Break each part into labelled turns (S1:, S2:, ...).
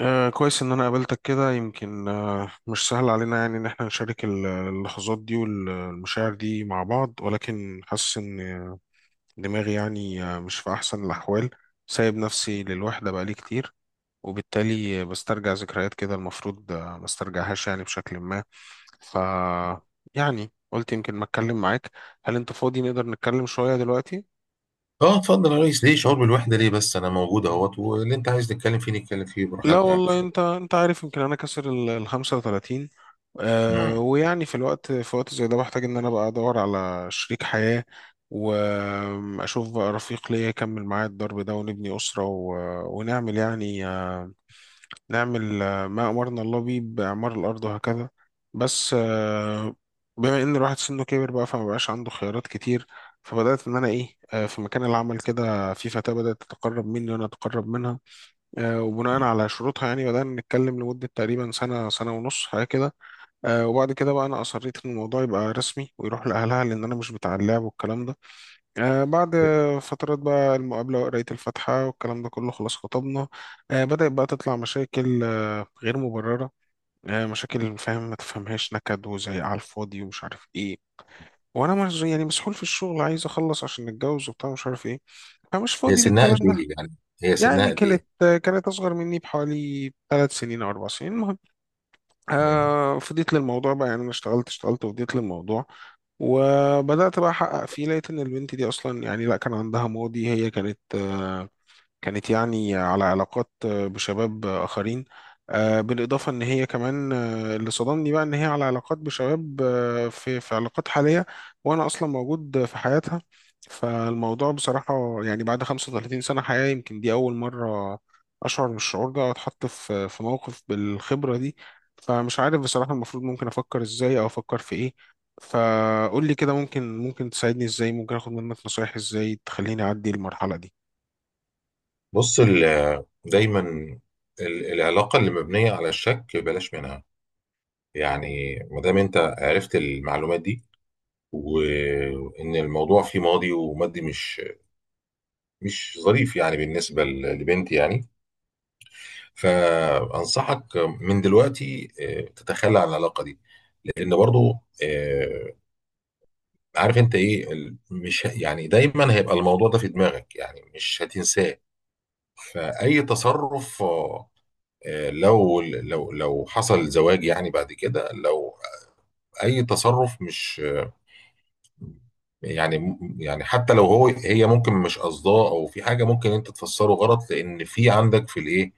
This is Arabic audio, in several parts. S1: كويس إن أنا قابلتك كده. يمكن مش سهل علينا، يعني إن إحنا نشارك اللحظات دي والمشاعر دي مع بعض، ولكن حاسس إن دماغي، يعني مش في أحسن الأحوال. سايب نفسي للوحدة بقالي كتير، وبالتالي بسترجع ذكريات كده المفروض ما استرجعهاش، يعني بشكل ما. ف يعني قلت يمكن ما أتكلم معاك. هل أنت فاضي نقدر نتكلم شوية دلوقتي؟
S2: اه، اتفضل يا ريس. ليه شعور بالوحده؟ ليه بس؟ انا موجود اهوت، واللي انت عايز نتكلم فيه نتكلم فيه
S1: لا
S2: براحتنا يعني.
S1: والله، انت عارف، يمكن انا كسر ال 35.
S2: مم.
S1: ويعني في وقت زي ده بحتاج ان انا بقى ادور على شريك حياة، واشوف بقى رفيق ليا يكمل معايا الضرب ده ونبني أسرة ونعمل، يعني آه نعمل آه، ما امرنا الله بيه باعمار الارض، وهكذا. بس، بما ان الواحد سنه كبر بقى فما بقاش عنده خيارات كتير. فبدأت ان انا ايه آه في مكان العمل كده في فتاة بدأت تتقرب مني وانا اتقرب منها. وبناء
S2: مم.
S1: على شروطها يعني بدأنا نتكلم لمدة تقريبا سنة، سنة ونص حاجة كده. وبعد كده بقى أنا أصريت إن الموضوع يبقى رسمي ويروح لأهلها، لأن أنا مش بتاع اللعب والكلام ده. بعد فترات بقى المقابلة وقراية الفاتحة والكلام ده كله، خلاص، خطبنا. بدأت بقى تطلع مشاكل غير مبررة. مشاكل فاهم ما تفهمهاش، نكد وزعيق على الفاضي ومش عارف إيه. وأنا مش يعني مسحول في الشغل، عايز أخلص عشان نتجوز وبتاع، مش عارف إيه، فمش
S2: هي
S1: فاضي
S2: سنها
S1: للكلام
S2: قد
S1: ده.
S2: ايه يعني؟ هي سنها
S1: يعني
S2: قد
S1: كانت
S2: ايه؟
S1: كانت أصغر مني بحوالي 3 سنين أو 4 سنين، المهم.
S2: مم.
S1: فضيت للموضوع بقى، يعني أنا اشتغلت وفضيت للموضوع، وبدأت بقى أحقق فيه. لقيت إن البنت دي أصلا، يعني لا، كان عندها ماضي. هي كانت كانت يعني على علاقات بشباب آخرين. بالإضافة إن هي كمان، اللي صدمني بقى إن هي على علاقات بشباب، في علاقات حالية وأنا أصلا موجود في حياتها. فالموضوع بصراحة، يعني بعد 35 سنة حياة، يمكن دي أول مرة أشعر بالشعور ده وأتحط في موقف بالخبرة دي. فمش عارف بصراحة، المفروض ممكن أفكر إزاي أو أفكر في إيه. فقول لي كده، ممكن تساعدني إزاي، ممكن آخد منك نصايح إزاي تخليني أعدي المرحلة
S2: بص، دايما العلاقه اللي مبنيه على الشك بلاش منها. يعني ما دام انت عرفت المعلومات دي، وان الموضوع فيه ماضي ومادي مش ظريف يعني بالنسبه لبنتي يعني. فانصحك من دلوقتي، تتخلى عن العلاقه دي. لان برضو، آه، عارف انت ايه، مش، يعني دايما هيبقى الموضوع ده في دماغك، يعني مش هتنساه. فاي تصرف، لو حصل زواج يعني بعد كده، لو اي تصرف مش، يعني حتى لو هو هي ممكن مش قصداه، او في حاجه ممكن انت تفسره غلط، لان في عندك في الايه،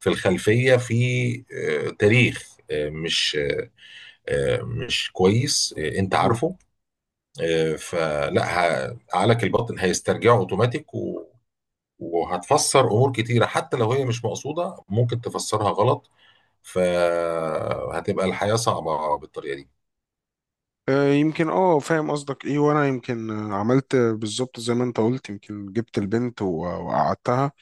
S2: في الخلفيه، في تاريخ مش مش كويس، انت
S1: دي.
S2: عارفه. فلا، عقلك الباطن هيسترجعه اوتوماتيك، وهتفسر امور كتيره، حتى لو هي مش مقصوده ممكن تفسرها غلط. فهتبقى الحياه صعبه بالطريقه دي.
S1: يمكن اه فاهم قصدك ايه، وانا يمكن عملت بالظبط زي ما انت قلت. يمكن جبت البنت وقعدتها.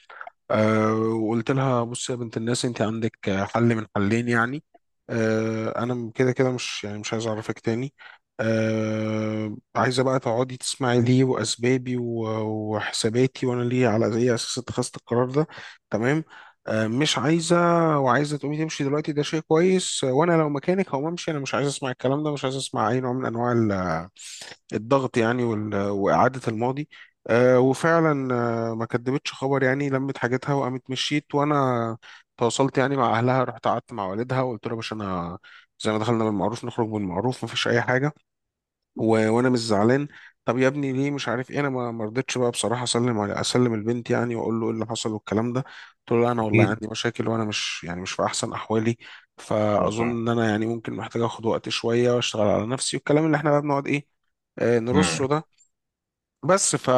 S1: وقلت لها: بصي يا بنت الناس، انت عندك حل من حلين، يعني انا كده كده، مش يعني مش عايز اعرفك تاني. عايزه بقى تقعدي تسمعي ليه، واسبابي وحساباتي، وانا ليه على اي اساس اتخذت القرار ده، تمام. مش عايزه وعايزه تقومي تمشي دلوقتي، ده شيء كويس. وانا لو مكانك هقوم امشي. انا مش عايز اسمع الكلام ده، مش عايز اسمع اي نوع من انواع الضغط، يعني واعاده الماضي. وفعلا ما كدبتش خبر، يعني لمت حاجتها وقامت مشيت، وانا تواصلت يعني مع اهلها، رحت قعدت مع والدها وقلت له: يا باشا، انا زي ما دخلنا بالمعروف نخرج بالمعروف، مفيش اي حاجه وانا مش زعلان. طب يا ابني ليه؟ مش عارف ايه، انا ما رضيتش بقى بصراحه اسلم على، اسلم البنت يعني، واقول له ايه اللي حصل والكلام ده. قلت له: لا، انا والله
S2: اكيد.
S1: عندي مشاكل، وانا مش يعني مش في احسن احوالي، فاظن
S2: مم.
S1: ان انا يعني ممكن محتاج اخد وقت شويه واشتغل على نفسي، والكلام اللي احنا بقى بنقعد ايه
S2: مم.
S1: نرصه ده. بس فا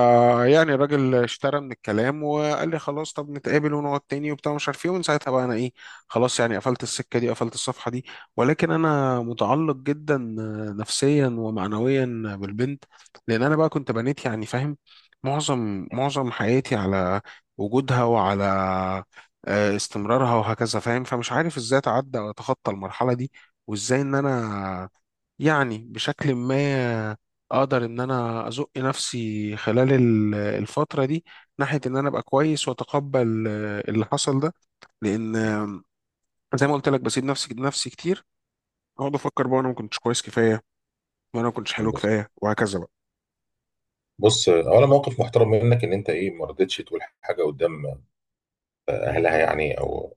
S1: يعني الراجل اشترى من الكلام وقال لي: خلاص، طب نتقابل ونقعد تاني وبتاع، مش عارف ايه. ومن ساعتها بقى انا ايه، خلاص، يعني قفلت السكه دي، قفلت الصفحه دي. ولكن انا متعلق جدا نفسيا ومعنويا بالبنت، لان انا بقى كنت بنيت يعني، فاهم، معظم حياتي على وجودها وعلى استمرارها وهكذا، فاهم. فمش عارف ازاي اتعدى واتخطى المرحله دي، وازاي ان انا يعني بشكل ما اقدر ان انا ازق نفسي خلال الفترة دي، ناحية ان انا ابقى كويس واتقبل اللي حصل ده. لان، زي ما قلت لك بسيب نفسي كتير. اقعد افكر بقى انا ما كنتش كويس كفاية، وانا ما كنتش حلو
S2: بص،
S1: كفاية، وهكذا بقى.
S2: بص، اولا موقف محترم منك، ان انت ايه ما رضيتش تقول حاجه قدام اهلها يعني، او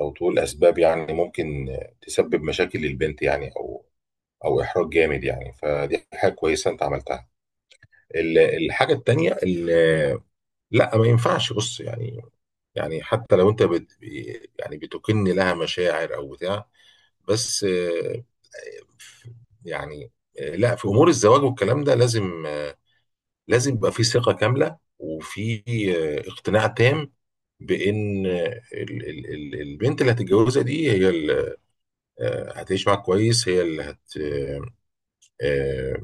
S2: او تقول اسباب يعني ممكن تسبب مشاكل للبنت يعني، او او احراج جامد يعني. فدي حاجه كويسه انت عملتها. ال- الحاجه التانيه، لا ما ينفعش. بص يعني، يعني حتى لو انت يعني بتكن لها مشاعر او بتاع، بس. آه، يعني لا، في امور الزواج والكلام ده لازم، لازم يبقى في ثقة كاملة، وفي اقتناع تام بان البنت اللي هتتجوزها دي هي اللي هتعيش معاك كويس، هي اللي هت آه، آه،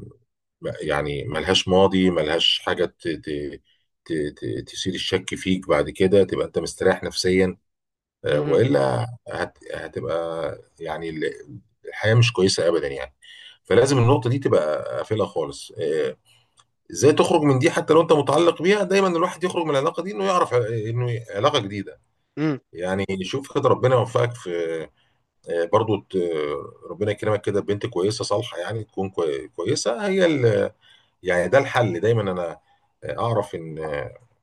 S2: يعني ملهاش ماضي، ملهاش حاجة تثير الشك فيك بعد كده. تبقى انت مستريح نفسيا،
S1: مهم.
S2: والا هتبقى يعني الحياة مش كويسة ابدا يعني. فلازم النقطة دي تبقى قافلها خالص. ازاي تخرج من دي؟ حتى لو انت متعلق بيها، دايما الواحد يخرج من العلاقة دي، انه يعرف انه علاقة جديدة.
S1: مم.
S2: يعني شوف كده، ربنا يوفقك في، برضو، ربنا يكرمك كده بنت كويسة صالحة، يعني تكون كويسة هي يعني ده الحل. دايما انا اعرف ان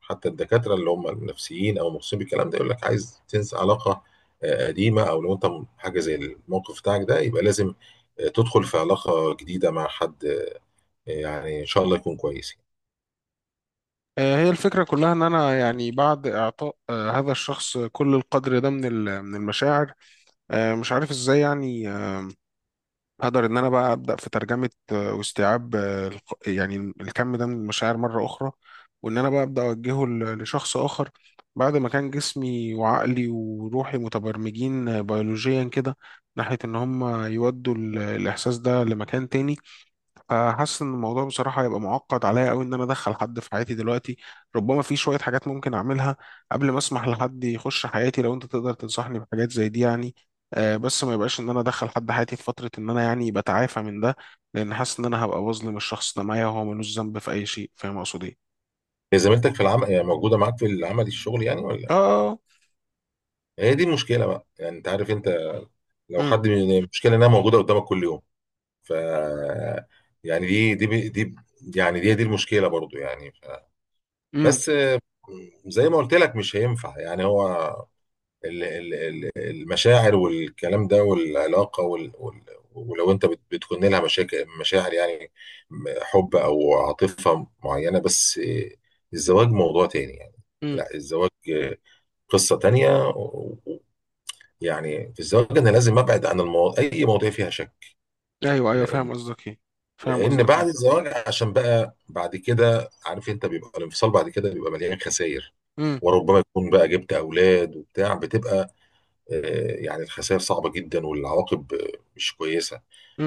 S2: حتى الدكاتره اللي هم النفسيين او مخصوصين بالكلام ده يقول لك عايز تنسى علاقه قديمه، او لو انت حاجه زي الموقف بتاعك ده، يبقى لازم تدخل في علاقه جديده مع حد، يعني ان شاء الله يكون كويس.
S1: هي الفكرة كلها إن أنا، يعني بعد إعطاء هذا الشخص كل القدر ده من من المشاعر، مش عارف إزاي يعني هقدر ان انا بقى ابدا في ترجمه واستيعاب يعني الكم ده من المشاعر مره اخرى، وان انا بقى ابدا اوجهه لشخص اخر، بعد ما كان جسمي وعقلي وروحي متبرمجين بيولوجيا كده، ناحيه ان هم يودوا الاحساس ده لمكان تاني. فحاسس ان الموضوع بصراحه هيبقى معقد عليا قوي، ان انا ادخل حد في حياتي دلوقتي. ربما في شويه حاجات ممكن اعملها قبل ما اسمح لحد يخش حياتي، لو انت تقدر تنصحني بحاجات زي دي يعني، بس ما يبقاش ان انا ادخل حد حياتي في فتره ان انا يعني بتعافى من ده، لان حاسس ان انا هبقى بظلم الشخص ده معايا، وهو ملوش ذنب في اي شيء. فاهم اقصد ايه؟
S2: هي زميلتك في العمل يعني؟ موجوده معاك في العمل، الشغل يعني،
S1: اه.
S2: ولا؟
S1: اه.
S2: هي دي المشكله بقى يعني، انت عارف انت. لو
S1: امم.
S2: حد من المشكله انها موجوده قدامك كل يوم. ف يعني دي يعني دي المشكله برضو يعني.
S1: امم.
S2: بس زي ما قلت لك مش هينفع يعني. هو المشاعر والكلام ده، والعلاقة، ولو انت بتكون لها مشاكل مشاعر يعني، حب او عاطفة معينة، بس الزواج موضوع تاني يعني.
S1: امم.
S2: لا، الزواج قصة تانية، يعني في الزواج انا لازم ابعد عن اي مواضيع فيها شك.
S1: ايوه، ايوه،
S2: لان
S1: فاهم قصدك ايه، فاهم
S2: لان
S1: قصدك
S2: بعد
S1: ايه.
S2: الزواج، عشان بقى بعد كده عارف انت، بيبقى الانفصال بعد كده بيبقى مليان خسائر.
S1: امم.
S2: وربما يكون بقى جبت اولاد وبتاع، بتبقى، يعني الخسائر صعبه جدا، والعواقب مش كويسه.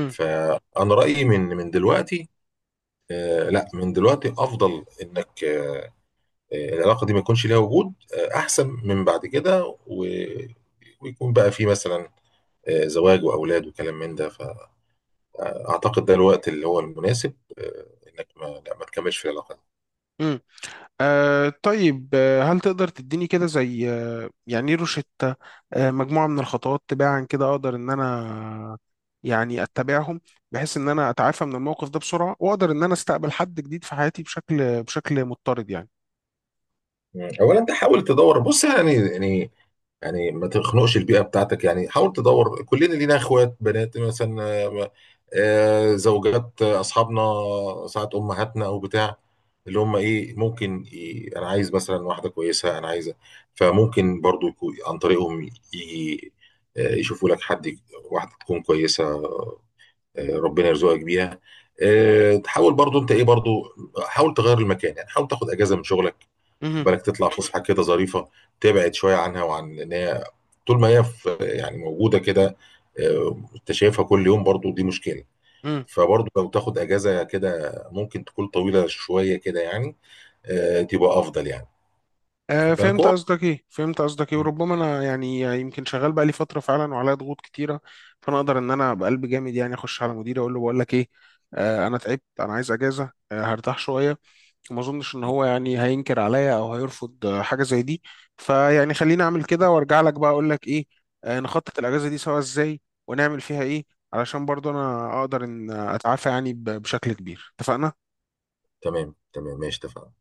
S2: فانا رايي من دلوقتي، لا، من دلوقتي افضل انك، العلاقه دي ما يكونش ليها وجود احسن من بعد كده، ويكون بقى في مثلا زواج واولاد وكلام من ده. فاعتقد ده الوقت اللي هو المناسب، انك ما، لا، ما تكملش في العلاقه.
S1: امم. طيب، هل تقدر تديني كده زي يعني إيه روشتة، مجموعة من الخطوات تباعا كده أقدر إن أنا، يعني أتبعهم، بحيث إن أنا أتعافى من الموقف ده بسرعة، وأقدر إن أنا أستقبل حد جديد في حياتي بشكل مضطرد، يعني.
S2: مم. اولا انت حاول تدور. بص، يعني ما تخنقش البيئه بتاعتك، يعني حاول تدور. كلنا لينا اخوات، بنات مثلا، زوجات، اصحابنا، ساعات امهاتنا او بتاع، اللي هم ايه ممكن انا عايز مثلا واحده كويسه، انا عايزه. فممكن برضو يكون عن طريقهم، يجي، يشوفوا لك حد، واحده تكون كويسه، ربنا يرزقك بيها. تحاول برضو انت ايه، برضو حاول تغير المكان يعني، حاول تاخد اجازه من شغلك. خد
S1: مهم.
S2: بالك تطلع فسحه كده ظريفه، تبعد شويه عنها، وعن ان هي، طول ما هي في يعني موجوده كده، انت شايفها كل يوم، برضو دي مشكله.
S1: مهم.
S2: فبرضو لو تاخد اجازه كده ممكن تكون طويله شويه كده يعني، تبقى افضل يعني. خد بالك
S1: فهمت
S2: هو.
S1: قصدك ايه، فهمت قصدك ايه. وربما انا يعني يمكن شغال بقالي فتره فعلا، وعليا ضغوط كتيره، فانا اقدر ان انا بقلب جامد يعني اخش على مديري اقول له: بقول لك ايه، انا تعبت، انا عايز اجازه، هرتاح شويه. وما اظنش ان هو يعني هينكر عليا او هيرفض حاجه زي دي. فيعني خليني اعمل كده وارجع لك بقى اقول لك ايه، نخطط الاجازه دي سوا ازاي، ونعمل فيها ايه، علشان برضو انا اقدر ان اتعافى يعني بشكل كبير. اتفقنا.
S2: تمام، تمام، ماشي، اتفقنا.